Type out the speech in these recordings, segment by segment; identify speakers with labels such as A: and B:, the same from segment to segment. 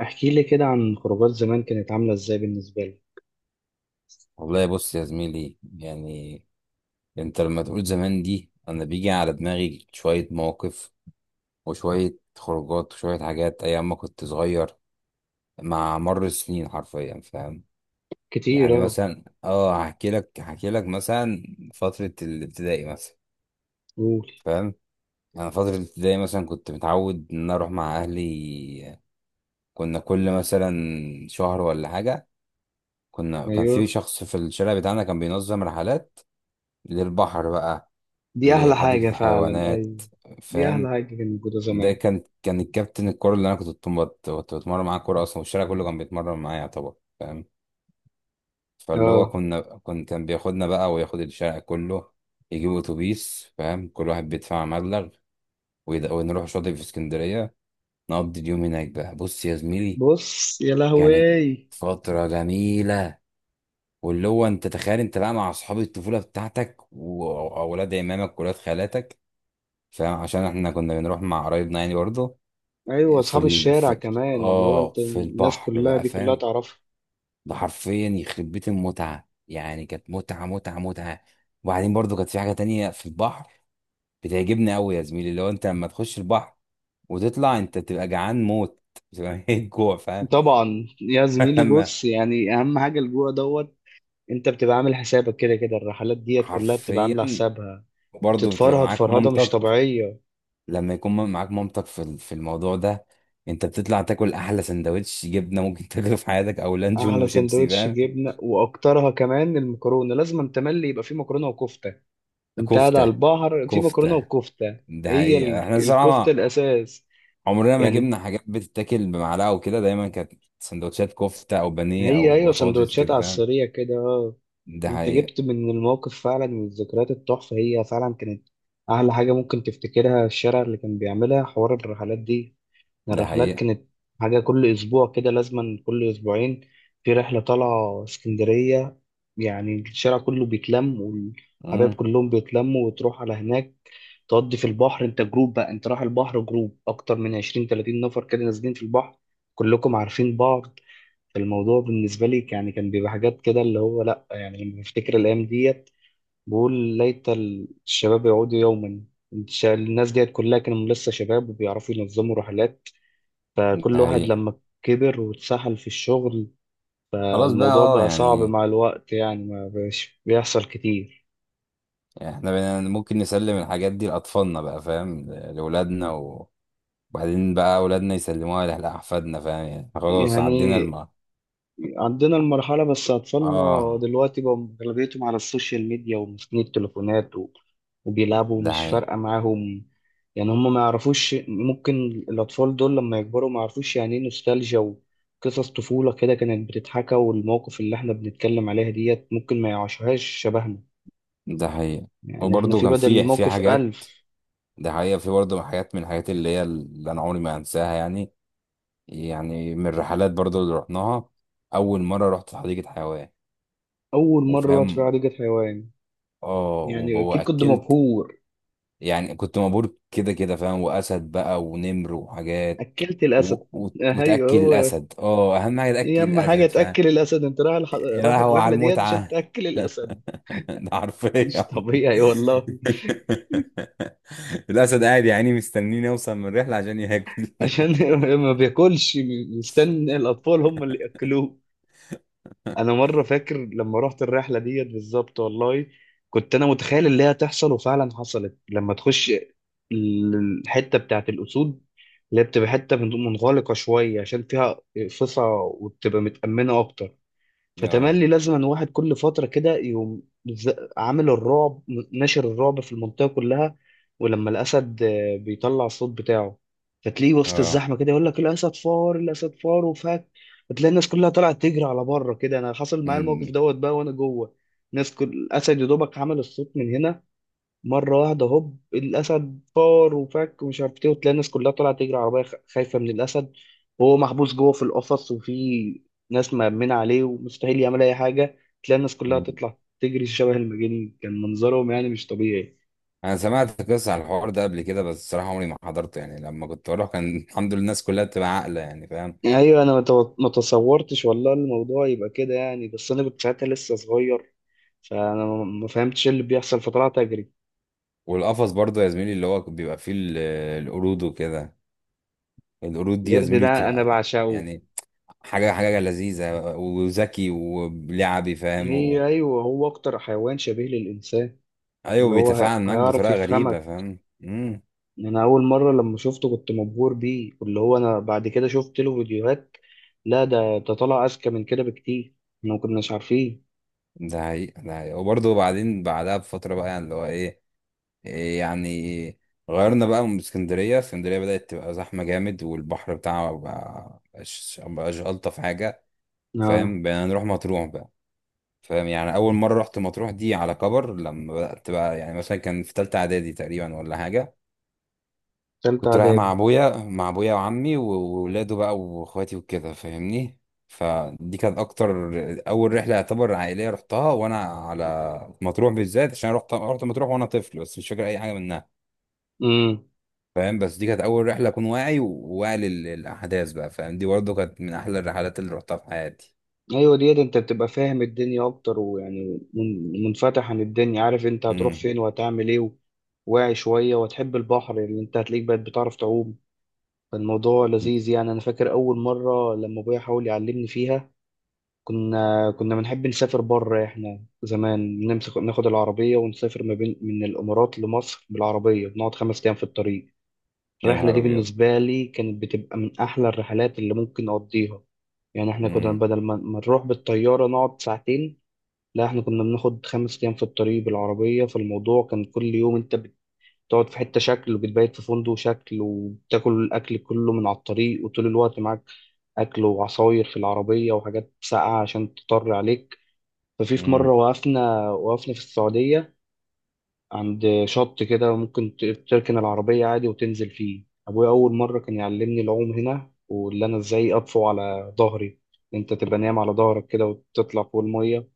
A: احكي لي كده عن خروجات زمان كانت عاملة ازاي بالنسبة لك؟
B: والله بص يا زميلي انت لما تقول زمان دي انا بيجي على دماغي شوية مواقف، وشوية خروجات وشوية حاجات ايام ما كنت صغير مع مر السنين حرفيا. فاهم
A: كتير،
B: يعني؟
A: اه.
B: مثلا هحكي لك، مثلا فترة الابتدائي مثلا.
A: قول.
B: فاهم؟ انا فترة الابتدائي مثلا كنت متعود ان انا اروح مع اهلي. كنا كل مثلا شهر ولا حاجة كان في
A: ايوه،
B: شخص في الشارع بتاعنا كان بينظم رحلات للبحر بقى،
A: دي احلى حاجة
B: لحديقة
A: فعلا، ايوه.
B: الحيوانات.
A: دي احلى
B: فاهم؟
A: حاجة كانت موجودة
B: ده
A: زمان.
B: كان الكابتن الكورة اللي انا كنت بتمرن معاه كورة اصلا، والشارع كله كان بيتمرن معايا يعتبر. فاهم؟ فاللي هو
A: اه.
B: كنا كن كان بياخدنا بقى وياخد الشارع كله، يجيب اتوبيس. فاهم؟ كل واحد بيدفع مبلغ ونروح شاطئ في اسكندرية، نقضي اليوم هناك بقى. بص يا زميلي،
A: بص يا
B: كانت
A: لهوي.
B: فترة جميلة. واللي هو انت تخيل انت بقى مع اصحاب الطفولة بتاعتك واولاد عمامك واولاد خالاتك. فاهم؟ عشان احنا كنا بنروح مع قرايبنا يعني برضه
A: ايوه،
B: في
A: اصحاب
B: ال...
A: الشارع
B: في
A: كمان، اللي هو
B: اه
A: انت
B: في
A: الناس
B: البحر
A: كلها
B: بقى.
A: دي كلها
B: فاهم؟
A: تعرفها.
B: ده حرفيا يخرب بيت المتعه، يعني كانت متعه، متعه، متعه. وبعدين برضو كانت في حاجه تانية في البحر بتعجبني قوي يا زميلي، اللي هو انت لما تخش البحر وتطلع انت بتبقى جعان موت، بتبقى ميت جوع. فاهم؟
A: طبعا يا زميلي،
B: لما
A: بص، يعني اهم حاجة الجوع دوت. انت بتبقى عامل حسابك كده كده، الرحلات ديت كلها بتبقى
B: حرفيا
A: عاملة حسابها.
B: برضو بتبقى
A: بتتفرهد
B: معاك
A: فرهدة مش
B: مامتك،
A: طبيعية.
B: لما يكون معاك مامتك في الموضوع ده انت بتطلع تاكل احلى سندوتش جبنه ممكن تاكله في حياتك، او لانشون
A: احلى
B: وشيبسي.
A: سندوتش
B: فاهم؟
A: جبنه، واكترها كمان المكرونه، لازم أن تملي يبقى فيه مكرونه وكفته. انت قاعد على
B: كفته،
A: البحر فيه مكرونه
B: كفته.
A: وكفته.
B: ده
A: هي
B: حقيقة احنا
A: الكفته
B: الصراحة
A: الاساس،
B: عمرنا ما
A: يعني.
B: جبنا حاجات بتتاكل بمعلقة وكده، دايما كانت سندوتشات كفتة أو بانيه
A: هي
B: أو
A: ايوه،
B: بطاطس
A: سندوتشات
B: كده.
A: على
B: فاهم؟
A: السريع كده، اه.
B: ده
A: انت
B: حقيقة.
A: جبت من الموقف فعلا من الذكريات التحفه، هي فعلا كانت احلى حاجه ممكن تفتكرها. الشارع اللي كان بيعملها حوار الرحلات دي،
B: ده
A: الرحلات
B: حقيقة.
A: كانت حاجة كل أسبوع كده، لازما كل أسبوعين في رحلة طالعة اسكندرية. يعني الشارع كله بيتلم والحبايب
B: امم.
A: كلهم بيتلموا وتروح على هناك، تقضي في البحر. أنت جروب بقى، أنت رايح البحر جروب أكتر من 20 30 نفر كده نازلين في البحر، كلكم عارفين بعض. فالموضوع بالنسبة لي، يعني كان بيبقى حاجات كده اللي هو لأ. يعني لما بفتكر الأيام ديت، بقول ليت الشباب يعودوا يوما. الناس ديت كلها كانوا لسه شباب وبيعرفوا ينظموا رحلات.
B: ده
A: فكل واحد
B: حقيقة.
A: لما كبر واتسحل في الشغل، آه،
B: خلاص بقى،
A: الموضوع بقى صعب
B: يعني
A: مع الوقت. يعني ما بقاش بيحصل كتير.
B: احنا بقينا ممكن نسلم الحاجات دي لأطفالنا بقى. فاهم؟ لأولادنا وبعدين بقى أولادنا يسلموها لأحفادنا. فاهم يعني؟ خلاص عدينا
A: يعني
B: الم
A: عندنا المرحلة بس أطفالنا
B: اه
A: دلوقتي بقى أغلبيتهم على السوشيال ميديا وماسكين التليفونات وبيلعبوا
B: ده
A: مش
B: حقيقة.
A: فارقة معاهم. يعني هم ما يعرفوش، ممكن الأطفال دول لما يكبروا ما يعرفوش يعني إيه نوستالجيا وقصص طفولة كده كانت بتتحكى. والمواقف اللي إحنا بنتكلم عليها ديت ممكن ما يعيشوهاش شبهنا.
B: ده حقيقة
A: يعني إحنا
B: وبرضه
A: في
B: كان
A: بدل
B: في
A: الموقف
B: حاجات.
A: ألف.
B: ده حقيقة، في برضه حاجات من الحاجات اللي اللي أنا عمري ما هنساها يعني. يعني من الرحلات برضو اللي رحناها، اول مره رحت حديقه حيوان.
A: أول مرة أطفي
B: وفاهم،
A: حديقة حيوان، يعني أكيد كنت
B: واكلت
A: مبهور.
B: يعني، كنت مبهور كده كده. فاهم؟ واسد بقى ونمر وحاجات
A: أكلت الأسد. آه، أيوه.
B: وتاكل
A: هو
B: الاسد. اه اهم حاجه
A: إيه
B: تاكل
A: أهم حاجة
B: الاسد. فاهم؟
A: تأكل الأسد؟ أنت رايح
B: يا
A: رايح
B: لهوي على
A: الرحلة ديت عشان
B: المتعه.
A: تأكل الأسد.
B: ده
A: مش
B: حرفيا.
A: طبيعي والله.
B: الاسد قاعد يا عيني مستنيني اوصل من الرحله عشان ياكل.
A: عشان ما بياكلش، مستني الأطفال هم اللي يأكلوه. انا مره فاكر لما رحت الرحله ديت بالظبط والله، كنت انا متخيل اللي هي تحصل، وفعلا حصلت لما تخش ال- الحته بتاعت الاسود، اللي هي بتبقى حته منغلقه شويه عشان فيها فصا وبتبقى متامنه اكتر.
B: اه،
A: فتملي لازما واحد كل فترة كده يقوم، عامل الرعب، ناشر الرعب في المنطقة كلها. ولما الأسد آه، بيطلع الصوت بتاعه، فتلاقيه وسط
B: اه.
A: الزحمة كده يقول لك الأسد فار، الأسد فار وفك. فتلاقي الناس كلها طلعت تجري على بره كده. أنا حصل معايا الموقف دوت بقى وأنا جوه الناس. كل الأسد يا دوبك عمل الصوت من هنا مرة واحدة، هوب الأسد فار وفك ومش عارف إيه، وتلاقي الناس كلها طالعة تجري عربية خايفة من الأسد. وهو محبوس جوه في القفص، وفي ناس مأمنة عليه ومستحيل يعمل أي حاجة. تلاقي الناس كلها تطلع تجري شبه المجانين، كان منظرهم يعني مش طبيعي.
B: انا سمعت قصة عن الحوار ده قبل كده، بس الصراحة عمري ما حضرته. يعني لما كنت بروح كان الحمد لله الناس كلها بتبقى عاقلة يعني. فاهم؟
A: أيوة، أنا ما تصورتش والله الموضوع يبقى كده. يعني بس أنا كنت ساعتها لسه صغير، فأنا ما فهمتش إيه اللي بيحصل فطلعت أجري.
B: والقفص برضه يا زميلي اللي هو بيبقى فيه آه، القرود وكده. القرود دي يا
A: القرد
B: زميلي
A: ده أنا
B: بتبقى
A: بعشقه.
B: يعني حاجة، حاجة لذيذة وذكي ولعبي. فاهم
A: هي
B: و...؟
A: أيوة، هو أكتر حيوان شبيه للإنسان،
B: ايوه
A: اللي هو
B: بيتفاعل معاك
A: هيعرف
B: بطريقة غريبة.
A: يفهمك.
B: فاهم؟ امم.
A: إن انا اول مره لما شفته كنت مبهور بيه. واللي هو انا بعد كده شفت له فيديوهات، لا ده طلع اذكى من كده بكتير، احنا ما كناش عارفين.
B: ده حقيقة. ده حقيقة وبرضه بعدين بعدها بفترة بقى يعني اللي هو ايه، إيه، يعني غيرنا بقى من اسكندرية. اسكندرية بدأت تبقى زحمة جامد، والبحر بتاعها بقى مبقاش ألطف حاجة.
A: اه.
B: فاهم؟ بقينا نروح مطروح بقى. فاهم يعني؟ أول مرة رحت مطروح دي على كبر، لما بدأت بقى يعني مثلا كان في تالتة إعدادي تقريبا ولا حاجة.
A: تالتة
B: كنت رايح
A: اعدادي.
B: مع أبويا وعمي وولاده بقى وإخواتي وكده. فاهمني؟ فدي كانت أكتر أول رحلة يعتبر عائلية رحتها وأنا على مطروح بالذات، عشان رحت مطروح وأنا طفل بس مش فاكر أي حاجة منها.
A: امم.
B: فاهم؟ بس دي كانت اول رحله اكون واعي وواعي للاحداث بقى. فاهم؟ دي برضه كانت من احلى الرحلات اللي رحتها في حياتي.
A: ايوه ديت انت بتبقى فاهم الدنيا اكتر، ويعني منفتح عن الدنيا، عارف انت هتروح
B: امم.
A: فين وهتعمل ايه. واعي شويه وتحب البحر، اللي انت هتلاقيك بقت بتعرف تعوم. فالموضوع لذيذ. يعني انا فاكر اول مره لما ابويا حاول يعلمني فيها، كنا بنحب نسافر بره. احنا زمان نمسك ناخد العربية ونسافر ما بين من الإمارات لمصر بالعربية، بنقعد 5 أيام في الطريق.
B: يا
A: الرحلة
B: نهار
A: دي
B: ابيض.
A: بالنسبة لي كانت بتبقى من أحلى الرحلات اللي ممكن أقضيها. يعني احنا كنا
B: امم.
A: بدل ما نروح بالطيارة نقعد ساعتين، لا احنا كنا بناخد 5 أيام في الطريق بالعربية. فالموضوع كان كل يوم انت بتقعد في حتة شكل وبتبيت في فندق شكل وبتاكل الأكل كله من على الطريق. وطول الوقت معاك أكل وعصاير في العربية وحاجات ساقعة عشان تضطر عليك. ففي مرة
B: امم.
A: وقفنا في السعودية عند شط كده، ممكن تركن العربية عادي وتنزل فيه. أبويا أول مرة كان يعلمني العوم هنا، واللي أنا إزاي أطفو على ظهري. أنت تبقى نايم على ظهرك كده وتطلع فوق المية.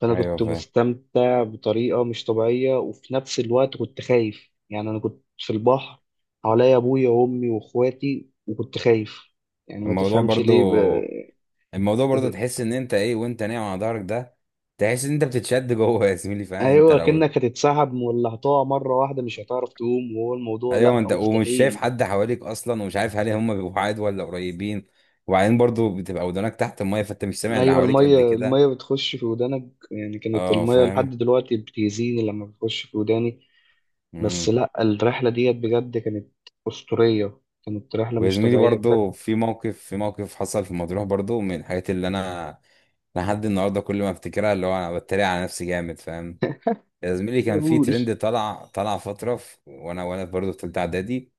A: فأنا
B: ايوه
A: كنت
B: فاهم.
A: مستمتع بطريقة مش طبيعية، وفي نفس الوقت كنت خايف. يعني أنا كنت في البحر، حواليا أبويا وأمي وأخواتي وكنت خايف. يعني ما
B: الموضوع
A: تفهمش
B: برضه
A: ليه
B: الموضوع برضه تحس ان انت ايه، وانت نايم على ظهرك ده تحس ان انت بتتشد جوه يا زميلي. فاهم؟ انت
A: ايوه
B: لو،
A: كأنك هتتسحب ولا هتقع مرة واحدة مش هتعرف تقوم. وهو الموضوع
B: ايوه،
A: لا،
B: انت ومش شايف
A: مستحيل.
B: حد حواليك اصلا، ومش عارف هل هم بيبقوا بعاد ولا قريبين. وبعدين برضه بتبقى ودانك تحت الميه، فانت مش سامع اللي
A: ايوه،
B: حواليك
A: المية
B: قد كده.
A: المية بتخش في ودانك، يعني كانت
B: اه
A: المية لحد
B: فاهم.
A: دلوقتي بتأذيني لما بتخش في وداني. بس
B: امم.
A: لا، الرحلة ديت بجد كانت أسطورية، كانت رحلة
B: ويا
A: مش
B: زميلي
A: طبيعية بجد.
B: برضو في موقف، حصل في مطروح برضو من الحاجات اللي انا لحد النهارده كل ما افتكرها اللي هو انا بتريق على نفسي جامد. فاهم؟ يا زميلي كان في
A: يقول.
B: ترند طلع فتره في وانا برضو في ثالثه اعدادي.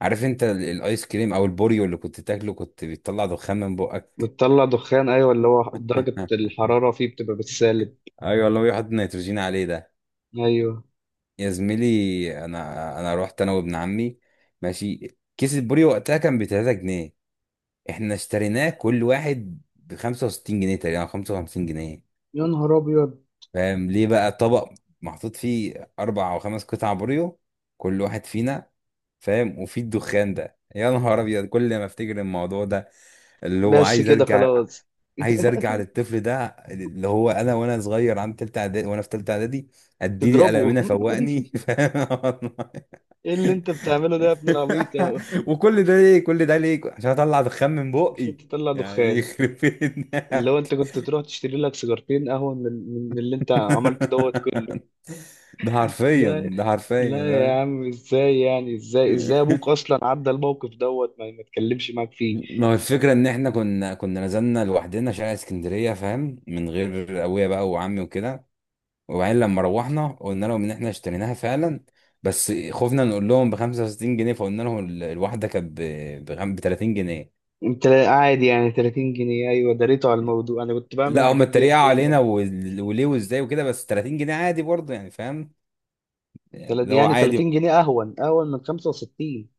B: عارف انت الايس كريم او البوريو اللي كنت تاكله كنت بيطلع دخان من بقك.
A: بتطلع دخان، ايوه اللي هو درجة الحرارة فيه بتبقى بالسالب.
B: ايوه والله بيحط نيتروجين عليه ده.
A: ايوه.
B: يا زميلي انا رحت انا وابن عمي. ماشي، كيس البوري وقتها كان ب 3 جنيه، احنا اشتريناه كل واحد ب 65 جنيه تقريبا أو 55 جنيه.
A: يا نهار ابيض.
B: فاهم ليه؟ بقى طبق محطوط فيه اربع او خمس قطع بوريو كل واحد فينا. فاهم؟ وفي الدخان ده. يا نهار ابيض، كل ما افتكر الموضوع ده اللي هو
A: بس
B: عايز
A: كده
B: ارجع.
A: خلاص.
B: عايز ارجع للطفل ده اللي هو انا، وانا صغير عن تالتة اعدادي، وانا في تالتة اعدادي اديلي
A: تضربه.
B: قلمنا فوقني. فاهم والله.
A: ايه اللي انت بتعمله ده يا ابن العبيط؟
B: وكل ده ليه؟ كل ده ليه؟ عشان اطلع دخان من بقي
A: عشان تطلع
B: يعني؟
A: دخان.
B: يخرب
A: اللي
B: بيتنا.
A: هو انت كنت تروح تشتري لك سيجارتين قهوة من, اللي انت عملته دوت كله.
B: ده حرفيا.
A: لا،
B: ده
A: لا
B: حرفيا.
A: يا عم، ازاي يعني؟ ازاي ابوك اصلا عدى الموقف دوت ما اتكلمش معاك فيه؟
B: ما هو الفكرة إن إحنا كنا نزلنا لوحدنا شارع اسكندرية. فاهم؟ من غير أبويا بقى وعمي وكده. وبعدين لما روحنا قلنا لهم إن إحنا اشتريناها فعلا، بس خفنا نقول لهم ب 65 جنيه، فقلنا لهم الواحدة كانت ب 30 جنيه.
A: انت قاعد يعني 30 جنيه؟ ايوه دريته على الموضوع، انا كنت بعمل
B: لا هما
A: الحاجات دي
B: اتريقوا
A: ايام.
B: علينا وليه وإزاي وكده، بس 30 جنيه عادي برضه يعني. فاهم يعني؟ اللي هو
A: يعني 30
B: عادي.
A: جنيه اهون، اهون من 65.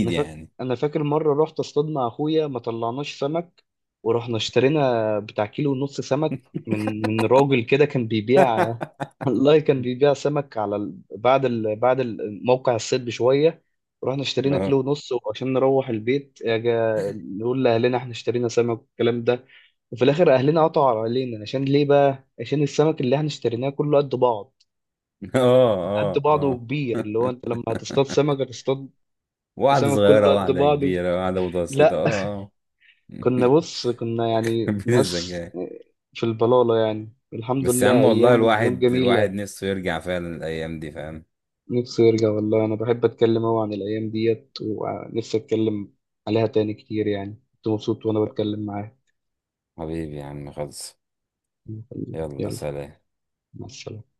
A: انا فاكر،
B: يعني.
A: مره رحت اصطاد مع اخويا ما طلعناش سمك، ورحنا اشترينا بتاع 1.5 كيلو سمك من راجل كده كان بيبيع والله كان بيبيع سمك على بعد موقع الصيد بشويه. رحنا اشترينا
B: اه،
A: 1.5 كيلو، وعشان نروح البيت اجا نقول لاهلنا احنا اشترينا سمك والكلام ده. وفي الاخر اهلنا قطعوا علينا. عشان ليه بقى؟ عشان السمك اللي احنا اشتريناه كله قد بعض،
B: اه،
A: قد
B: اه،
A: بعضه
B: اه.
A: وكبير. اللي هو انت لما هتصطاد سمك هتصطاد
B: واحدة
A: سمك
B: صغيرة،
A: كله قد
B: واحدة
A: بعضه؟
B: كبيرة، واحدة متوسطة.
A: لا.
B: اه.
A: كنا بص كنا يعني
B: بيت
A: ناس
B: الزجاج.
A: في البلالة. يعني الحمد
B: بس يا
A: لله
B: عم والله
A: أيام، أيام
B: الواحد، الواحد
A: جميلة.
B: نفسه يرجع فعلا الأيام دي. فاهم؟
A: نفسي يرجع والله. أنا بحب أتكلم أوي عن الأيام ديت ونفسي أتكلم عليها تاني كتير. يعني كنت مبسوط وأنا بتكلم معاك.
B: حبيبي يا عم، خلص. يلا
A: يلا،
B: سلام.
A: مع السلامة.